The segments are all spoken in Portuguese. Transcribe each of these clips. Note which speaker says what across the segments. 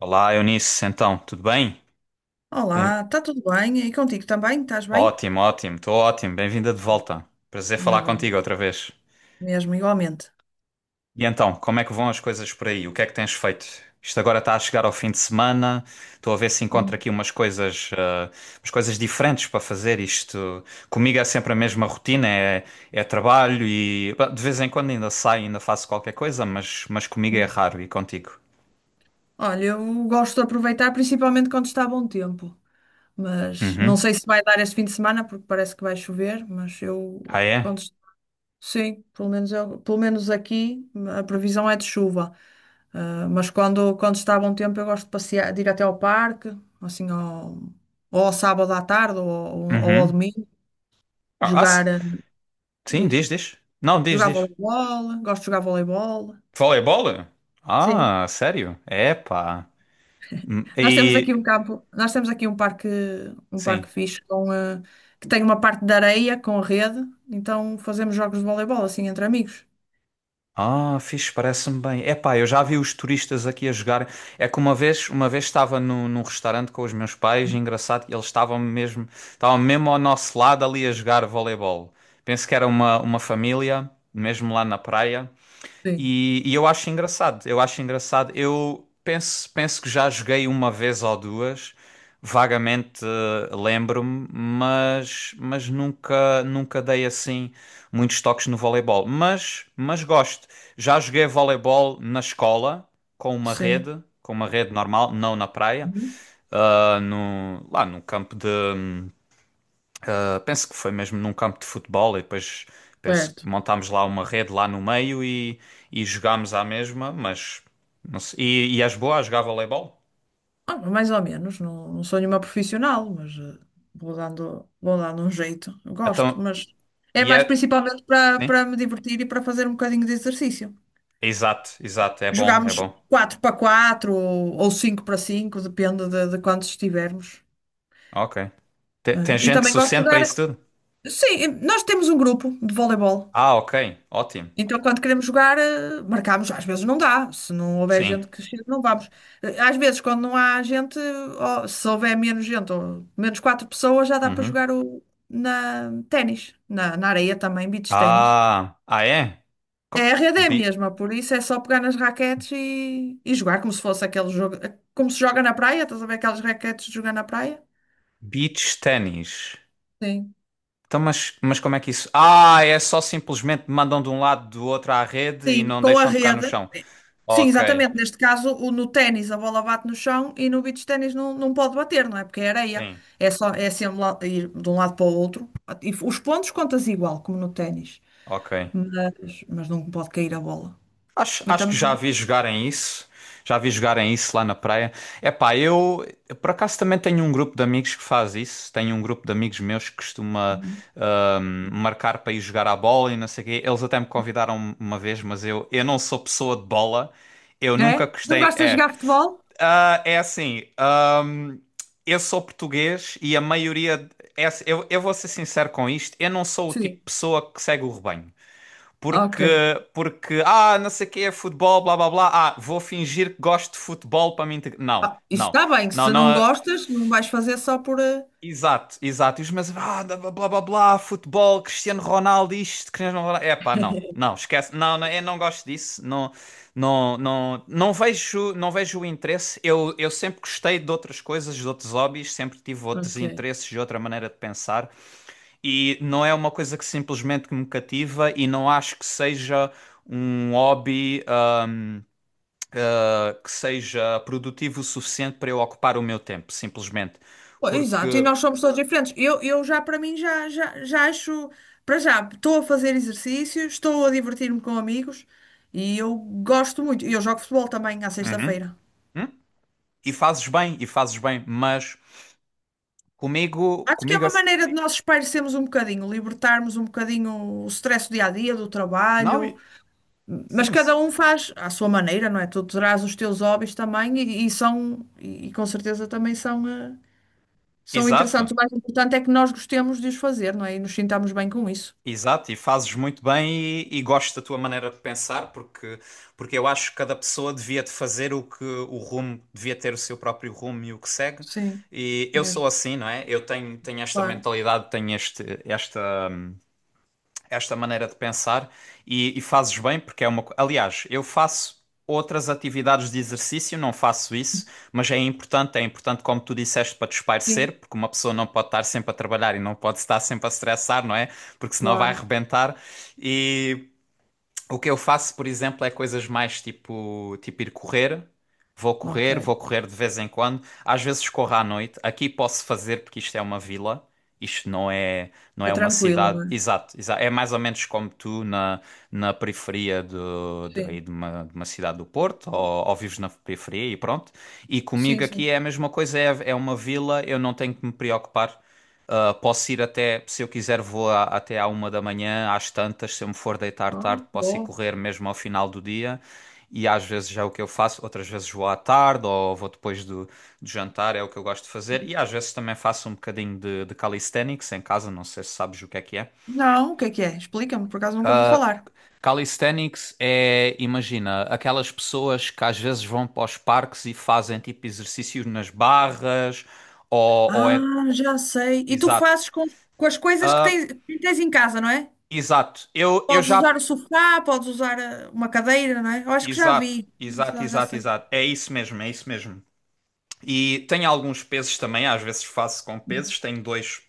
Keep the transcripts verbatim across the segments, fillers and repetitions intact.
Speaker 1: Olá, Eunice, então, tudo bem? Bem-
Speaker 2: Olá, está tudo bem? E contigo também? Estás bem?
Speaker 1: Ótimo, ótimo, estou ótimo, bem-vinda de volta. Prazer
Speaker 2: Ainda
Speaker 1: falar
Speaker 2: bem,
Speaker 1: contigo outra vez.
Speaker 2: mesmo, igualmente.
Speaker 1: E então, como é que vão as coisas por aí? O que é que tens feito? Isto agora está a chegar ao fim de semana, estou a ver se encontro
Speaker 2: Hum.
Speaker 1: aqui umas coisas, ah, umas coisas diferentes para fazer. Isto comigo é sempre a mesma rotina, é, é trabalho e bah, de vez em quando ainda saio, ainda faço qualquer coisa, mas, mas comigo é raro e contigo.
Speaker 2: Olha, eu gosto de aproveitar, principalmente quando está bom tempo. Mas não
Speaker 1: Uhum.
Speaker 2: sei se vai dar este fim de semana, porque parece que vai chover, mas
Speaker 1: Ah,
Speaker 2: eu
Speaker 1: é?
Speaker 2: quando... est- sim, pelo menos, eu, pelo menos aqui a previsão é de chuva. Ah, mas quando, quando está bom tempo eu gosto de passear, de ir até ao parque, assim, ao, ou ao sábado à tarde ou, ou ao
Speaker 1: Uhum.
Speaker 2: domingo,
Speaker 1: Ah, ah, se-
Speaker 2: jogar, eh,
Speaker 1: sim,
Speaker 2: diz,
Speaker 1: diz, diz. Não, diz,
Speaker 2: jogar
Speaker 1: diz.
Speaker 2: voleibol, gosto de jogar voleibol.
Speaker 1: Vôlei.
Speaker 2: Sim.
Speaker 1: Ah, sério? Epá. Hum,
Speaker 2: Nós temos aqui
Speaker 1: E.
Speaker 2: um campo, nós temos aqui um parque, um
Speaker 1: Sim.
Speaker 2: parque fixe com, eh, que tem uma parte de areia com rede, então fazemos jogos de voleibol assim entre amigos.
Speaker 1: Ah, fixe, parece-me bem. Epá, eu já vi os turistas aqui a jogar. É que uma vez, uma vez estava no, num restaurante com os meus pais, e engraçado, eles estavam mesmo, estavam mesmo ao nosso lado ali a jogar voleibol. Penso que era uma, uma família, mesmo lá na praia.
Speaker 2: Sim,
Speaker 1: E, e eu acho engraçado, eu acho engraçado. Eu penso, penso que já joguei uma vez ou duas, vagamente eh, lembro-me, mas, mas nunca, nunca dei assim muitos toques no voleibol. Mas, mas gosto. Já joguei voleibol na escola, com uma
Speaker 2: sim.
Speaker 1: rede, com uma rede normal, não na praia,
Speaker 2: Uhum.
Speaker 1: ah, no, lá no campo de. hum, Uh, Penso que foi mesmo num campo de futebol e depois penso
Speaker 2: Certo.
Speaker 1: que montámos lá uma rede lá no meio e, e jogámos à mesma, mas não sei. E, e és boa a jogar voleibol?
Speaker 2: Ah, mais ou menos, não, não sou nenhuma profissional, mas eh, vou dando, vou dando um jeito. Eu gosto,
Speaker 1: Então,
Speaker 2: mas é
Speaker 1: e
Speaker 2: mais
Speaker 1: é.
Speaker 2: principalmente para
Speaker 1: Sim?
Speaker 2: para me divertir e para fazer um bocadinho de exercício.
Speaker 1: Exato, exato, é bom, é
Speaker 2: Jogamos
Speaker 1: bom.
Speaker 2: quatro para quatro ou cinco para cinco, depende de, de quantos estivermos,
Speaker 1: Ok. Te- Tem
Speaker 2: né? E
Speaker 1: gente
Speaker 2: também gosto de
Speaker 1: suficiente para
Speaker 2: jogar.
Speaker 1: isso tudo?
Speaker 2: Sim, nós temos um grupo de voleibol.
Speaker 1: Ah, ok, ótimo.
Speaker 2: Então, quando queremos jogar, eh, marcamos. Às vezes não dá. Se não houver
Speaker 1: Sim.
Speaker 2: gente que chegue, não vamos. Eh, Às vezes, quando não há gente, ó, se houver menos gente, ou menos quatro pessoas, já dá para
Speaker 1: Uhum.
Speaker 2: jogar o, na ténis, na, na areia também, beach ténis.
Speaker 1: Ah, ah é? Co-
Speaker 2: É, a rede é a
Speaker 1: Be-
Speaker 2: mesma, por isso é só pegar nas raquetes e, e jogar como se fosse aquele jogo, eh, como se joga na praia, estás a ver aquelas raquetes de jogar na praia?
Speaker 1: beach ténis.
Speaker 2: Sim.
Speaker 1: Então, mas, mas como é que isso? Ah, é só simplesmente mandam de um lado do outro à rede e
Speaker 2: Sim,
Speaker 1: não
Speaker 2: com a
Speaker 1: deixam tocar no
Speaker 2: rede.
Speaker 1: chão.
Speaker 2: Sim,
Speaker 1: Ok,
Speaker 2: exatamente. Neste caso, o- no ténis a bola bate no chão e no beach ténis não, não pode bater, não é? Porque é areia.
Speaker 1: sim,
Speaker 2: É só é sempre lá- ir de um lado para o outro. E os pontos contas igual, como no ténis.
Speaker 1: ok.
Speaker 2: Mas, mas não pode cair a bola.
Speaker 1: Acho,
Speaker 2: Mas
Speaker 1: acho que
Speaker 2: também.
Speaker 1: já vi jogarem isso. Já vi jogarem isso lá na praia. Epá, eu eu por acaso também tenho um grupo de amigos que faz isso. Tenho um grupo de amigos meus que costuma ahm, marcar para ir jogar à bola e não sei o quê. Eles até me convidaram uma vez, mas eu, eu não sou pessoa de bola. Eu nunca
Speaker 2: É? Não
Speaker 1: gostei.
Speaker 2: gostas de
Speaker 1: É,
Speaker 2: jogar futebol?
Speaker 1: ah, é assim, ahm, eu sou português e a maioria. É assim, eu, eu vou ser sincero com isto, eu não sou o tipo
Speaker 2: Sim.
Speaker 1: de pessoa que segue o rebanho. Porque,
Speaker 2: Ok.
Speaker 1: porque, ah, não sei o que é futebol, blá blá blá, ah, vou fingir que gosto de futebol para me integrar. Não,
Speaker 2: Ah, isso
Speaker 1: não,
Speaker 2: está bem.
Speaker 1: não,
Speaker 2: Se não
Speaker 1: não.
Speaker 2: gostas, não vais fazer só por. Eh,
Speaker 1: Exato, exato. E os meus, ah, blá blá blá, blá futebol, Cristiano Ronaldo, isto, Cristiano Ronaldo. É pá, não, não, esquece, não, não, eu não gosto disso, não, não, não, não vejo, não vejo o interesse. Eu, eu sempre gostei de outras coisas, de outros hobbies, sempre tive outros
Speaker 2: ok.
Speaker 1: interesses, de outra maneira de pensar, e não é uma coisa que simplesmente que me cativa e não acho que seja um hobby, ah, que seja produtivo o suficiente para eu ocupar o meu tempo, simplesmente.
Speaker 2: Pô, exato, e
Speaker 1: Porque.
Speaker 2: nós somos todos diferentes. Eu, eu já, para mim, já, já, já acho. Para já, estou a fazer exercício, estou a divertir-me com amigos e eu gosto muito. E eu jogo futebol também à
Speaker 1: Uhum.
Speaker 2: sexta-feira.
Speaker 1: Hum? E fazes bem, e fazes bem, mas comigo,
Speaker 2: Acho que é
Speaker 1: comigo,
Speaker 2: uma
Speaker 1: ass-
Speaker 2: maneira de nós espairecermos um bocadinho, libertarmos um bocadinho o stress do dia a dia, do
Speaker 1: não,
Speaker 2: trabalho.
Speaker 1: e-
Speaker 2: Mas
Speaker 1: sim, sim.
Speaker 2: cada um faz à sua maneira, não é? Tu terás os teus hobbies também e, e são, e, com certeza também são, eh, são interessantes.
Speaker 1: Exato,
Speaker 2: O mais importante é que nós gostemos de os fazer, não é? E nos sintamos bem com isso.
Speaker 1: exato, e fazes muito bem e, e gosto da tua maneira de pensar, porque, porque eu acho que cada pessoa devia de fazer o que o rumo, devia ter o seu próprio rumo e o que segue,
Speaker 2: Sim,
Speaker 1: e eu
Speaker 2: mesmo,
Speaker 1: sou assim, não é? Eu tenho, tenho esta
Speaker 2: claro.
Speaker 1: mentalidade, tenho este, esta esta maneira de pensar e, e fazes bem porque é uma. co- Aliás, eu faço outras atividades de exercício, não faço isso, mas é importante, é importante, como tu disseste, para
Speaker 2: Sim,
Speaker 1: desaparecer, porque uma pessoa não pode estar sempre a trabalhar e não pode estar sempre a estressar, não é? Porque senão vai
Speaker 2: claro.
Speaker 1: arrebentar. E o que eu faço, por exemplo, é coisas mais tipo, tipo ir correr. Vou
Speaker 2: Ok.
Speaker 1: correr, vou correr de vez em quando. Às vezes corro à noite. Aqui posso fazer porque isto é uma vila. Isto não é, não
Speaker 2: É
Speaker 1: é uma
Speaker 2: tranquilo,
Speaker 1: cidade.
Speaker 2: não é?
Speaker 1: Exato, exa- É mais ou menos como tu na, na periferia do, de, aí
Speaker 2: Sim.
Speaker 1: de uma, de uma cidade do Porto,
Speaker 2: Porto.
Speaker 1: ou, ou vives na periferia e pronto. E
Speaker 2: Sim,
Speaker 1: comigo aqui
Speaker 2: sim.
Speaker 1: é a mesma coisa, é, é uma vila, eu não tenho que me preocupar. Uh, posso ir até, se eu quiser, vou a- até à uma da manhã, às tantas, se eu me for deitar
Speaker 2: Ah,
Speaker 1: tarde, posso ir
Speaker 2: bom.
Speaker 1: correr mesmo ao final do dia. E às vezes já é o que eu faço, outras vezes vou à tarde ou vou depois do, do jantar, é o que eu gosto de fazer. E às vezes também faço um bocadinho de, de calisthenics em casa, não sei se sabes o que é que é.
Speaker 2: Não, o que é que é? Explica-me, por acaso nunca ouvi falar.
Speaker 1: Calisthenics é, imagina, aquelas pessoas que às vezes vão para os parques e fazem tipo exercícios nas barras ou, ou
Speaker 2: Ah,
Speaker 1: é...
Speaker 2: já sei. E tu
Speaker 1: Exato.
Speaker 2: fazes com, com as coisas que
Speaker 1: Ah,
Speaker 2: tens, que tens em casa, não é?
Speaker 1: exato. Eu, eu
Speaker 2: Podes
Speaker 1: já
Speaker 2: usar o sofá, podes usar eh, uma cadeira, não é? Eu acho que já
Speaker 1: Exato,
Speaker 2: vi.
Speaker 1: exato,
Speaker 2: Já, já
Speaker 1: exato,
Speaker 2: sei.
Speaker 1: exato. É isso mesmo, é isso mesmo. E tenho alguns pesos também, às vezes faço com
Speaker 2: Uhum.
Speaker 1: pesos. Tenho dois,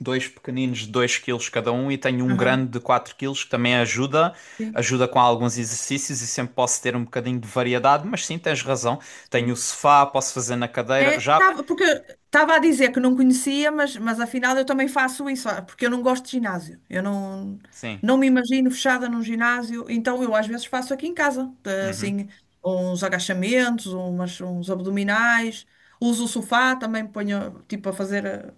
Speaker 1: dois pequeninos de dois quilos cada um e tenho um grande
Speaker 2: Aham.
Speaker 1: de quatro quilos que também ajuda,
Speaker 2: Sim,
Speaker 1: ajuda com alguns exercícios e sempre posso ter um bocadinho de variedade, mas sim, tens razão.
Speaker 2: sim.
Speaker 1: Tenho o sofá, posso fazer na cadeira,
Speaker 2: É,
Speaker 1: já.
Speaker 2: tava- porque estava a dizer que não conhecia, mas, mas afinal eu também faço isso, ah, porque eu não gosto de ginásio. Eu não,
Speaker 1: Sim,
Speaker 2: não me imagino fechada num ginásio, então eu às vezes faço aqui em casa, eh,
Speaker 1: uhum.
Speaker 2: assim, uns agachamentos, umas, uns abdominais, uso o sofá, também ponho tipo a fazer eh,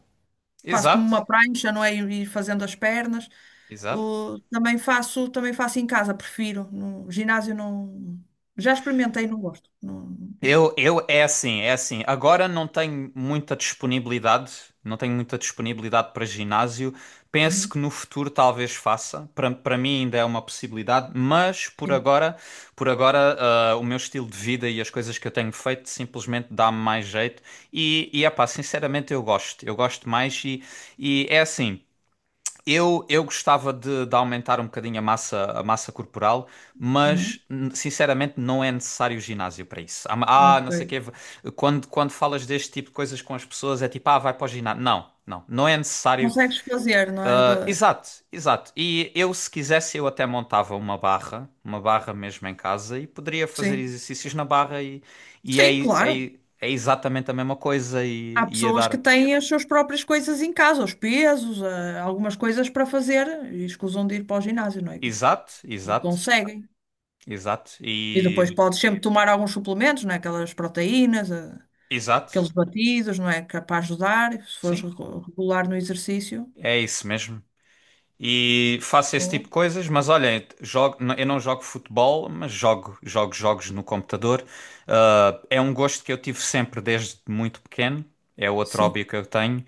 Speaker 2: quase como
Speaker 1: Exato,
Speaker 2: uma prancha, não é? Ir fazendo as pernas.
Speaker 1: exato.
Speaker 2: O- também faço, também faço em casa, prefiro. No ginásio não. Já experimentei, não gosto. Não.
Speaker 1: Eu, eu, é assim, é assim. Agora não tenho muita disponibilidade, não tenho muita disponibilidade para ginásio. Penso
Speaker 2: Uhum,
Speaker 1: que no futuro talvez faça. Para, para mim ainda é uma possibilidade, mas por
Speaker 2: sim.
Speaker 1: agora, por agora, ah, o meu estilo de vida e as coisas que eu tenho feito simplesmente dá-me mais jeito. E, e é pá, sinceramente eu gosto. Eu gosto mais e, e é assim. Eu, eu gostava de, de aumentar um bocadinho a massa, a massa corporal,
Speaker 2: Uhum.
Speaker 1: mas n- sinceramente não é necessário ginásio para isso. Ah, ah,
Speaker 2: Ok.
Speaker 1: não sei o quê. Quando, quando falas deste tipo de coisas com as pessoas, é tipo, ah, vai para o ginásio. Não, não, não é necessário.
Speaker 2: Consegues fazer, não é?
Speaker 1: Ah,
Speaker 2: Da.
Speaker 1: exato, exato. E eu, se quisesse, eu até montava uma barra, uma barra mesmo em casa, e poderia fazer
Speaker 2: Sim.
Speaker 1: exercícios na barra, e, e é,
Speaker 2: Sim, claro.
Speaker 1: é, é exatamente a mesma coisa, e
Speaker 2: Há
Speaker 1: e ia
Speaker 2: pessoas que
Speaker 1: dar.
Speaker 2: têm as suas próprias coisas em casa, os pesos, eh, algumas coisas para fazer e escusam de ir para o ginásio, não é?
Speaker 1: Exato,
Speaker 2: E
Speaker 1: exato,
Speaker 2: conseguem.
Speaker 1: exato.
Speaker 2: E depois
Speaker 1: E.
Speaker 2: podes sempre tomar alguns suplementos, não é? Aquelas proteínas, eh, aqueles
Speaker 1: Exato.
Speaker 2: batidos, não é? Que é para ajudar, se fores
Speaker 1: Sim,
Speaker 2: regu- regular no exercício.
Speaker 1: é isso mesmo. E faço esse tipo
Speaker 2: Boa.
Speaker 1: de coisas, mas olhem, jogo, n- eu não jogo futebol, mas jogo, jogo jogos no computador. Ah, é um gosto que eu tive sempre desde muito pequeno. É outro
Speaker 2: Sim.
Speaker 1: hobby que eu tenho.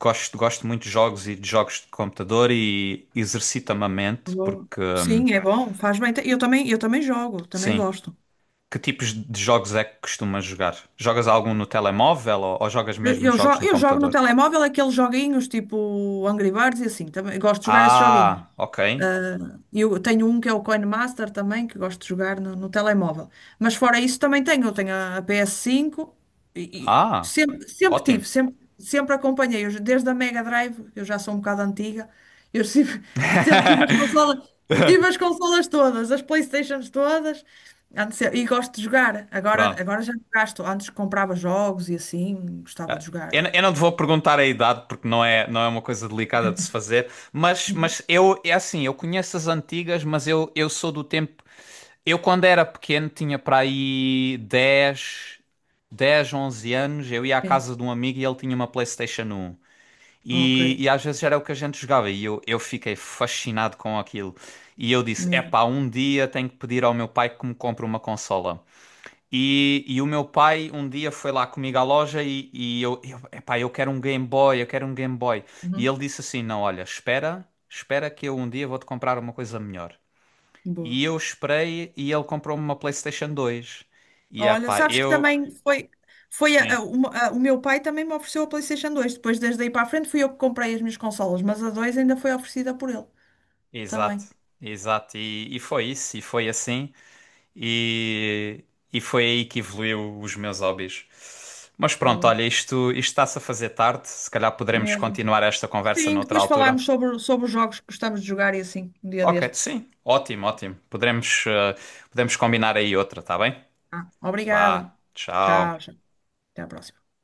Speaker 1: Gosto, gosto muito de jogos e de jogos de computador e exercita-me a mente,
Speaker 2: Boa.
Speaker 1: porque, hum,
Speaker 2: Sim, é bom, faz bem. Eu também, eu também jogo, também
Speaker 1: sim,
Speaker 2: gosto.
Speaker 1: que tipos de jogos é que costumas jogar? Jogas algum no telemóvel ou, ou jogas
Speaker 2: Eu,
Speaker 1: mesmo
Speaker 2: eu
Speaker 1: jogos
Speaker 2: jo-
Speaker 1: no
Speaker 2: eu jogo no
Speaker 1: computador?
Speaker 2: telemóvel aqueles joguinhos tipo Angry Birds e assim, também gosto de jogar esses joguinhos.
Speaker 1: Ah, ok.
Speaker 2: Ah, eu tenho um que é o Coin Master também, que gosto de jogar no, no telemóvel. Mas fora isso também tenho. Eu tenho a, a P S cinco e, e
Speaker 1: Ah,
Speaker 2: sempre, sempre
Speaker 1: ótimo.
Speaker 2: tive, sempre, sempre acompanhei. Eu, desde a Mega Drive, eu já sou um bocado antiga, eu sempre, sempre tive as consolas, tive as consolas todas, as PlayStations todas, antes, e gosto de jogar. Agora,
Speaker 1: Pronto.
Speaker 2: agora já não gasto. Antes comprava jogos e assim, gostava de
Speaker 1: Eu,
Speaker 2: jogar.
Speaker 1: eu não te vou perguntar a idade porque não é, não é uma coisa delicada de se fazer, mas, mas eu, é assim, eu conheço as antigas, mas eu, eu sou do tempo. Eu, quando era pequeno, tinha para aí dez dez, onze anos. Eu ia à
Speaker 2: Sim,
Speaker 1: casa de um amigo e ele tinha uma PlayStation um.
Speaker 2: ok,
Speaker 1: E, e às vezes era o que a gente jogava e eu, eu fiquei fascinado com aquilo. E eu disse:
Speaker 2: mesmo.
Speaker 1: Epá, um dia tenho que pedir ao meu pai que me compre uma consola. E, e o meu pai um dia foi lá comigo à loja e, e eu, eu, epá, eu quero um Game Boy, eu quero um Game Boy. E
Speaker 2: Uhum.
Speaker 1: ele disse assim: Não, olha, espera, espera que eu um dia vou-te comprar uma coisa melhor.
Speaker 2: Boa.
Speaker 1: E eu esperei e ele comprou-me uma PlayStation dois. E
Speaker 2: Olha,
Speaker 1: epá,
Speaker 2: sabes que
Speaker 1: eu.
Speaker 2: também foi, foi a-
Speaker 1: Sim,
Speaker 2: a- uma- a- o meu pai também me ofereceu a PlayStation dois. Depois, desde aí para a frente, fui eu que comprei as minhas consolas, mas a dois ainda foi oferecida por ele
Speaker 1: exato,
Speaker 2: também.
Speaker 1: exato. E, e foi isso, e foi assim. E, e foi aí que evoluiu os meus hobbies. Mas pronto,
Speaker 2: Boa.
Speaker 1: olha, isto, isto está-se a fazer tarde. Se calhar poderemos
Speaker 2: Mesmo.
Speaker 1: continuar esta conversa
Speaker 2: Sim,
Speaker 1: noutra
Speaker 2: depois
Speaker 1: altura.
Speaker 2: falámos sobre, sobre os jogos que gostamos de jogar e assim, um dia
Speaker 1: Ok,
Speaker 2: destes.
Speaker 1: sim, ótimo, ótimo. Podemos, eh, podemos combinar aí outra, tá bem?
Speaker 2: Ah,
Speaker 1: Vá,
Speaker 2: obrigada. Tchau,
Speaker 1: tchau.
Speaker 2: tchau. Até à próxima.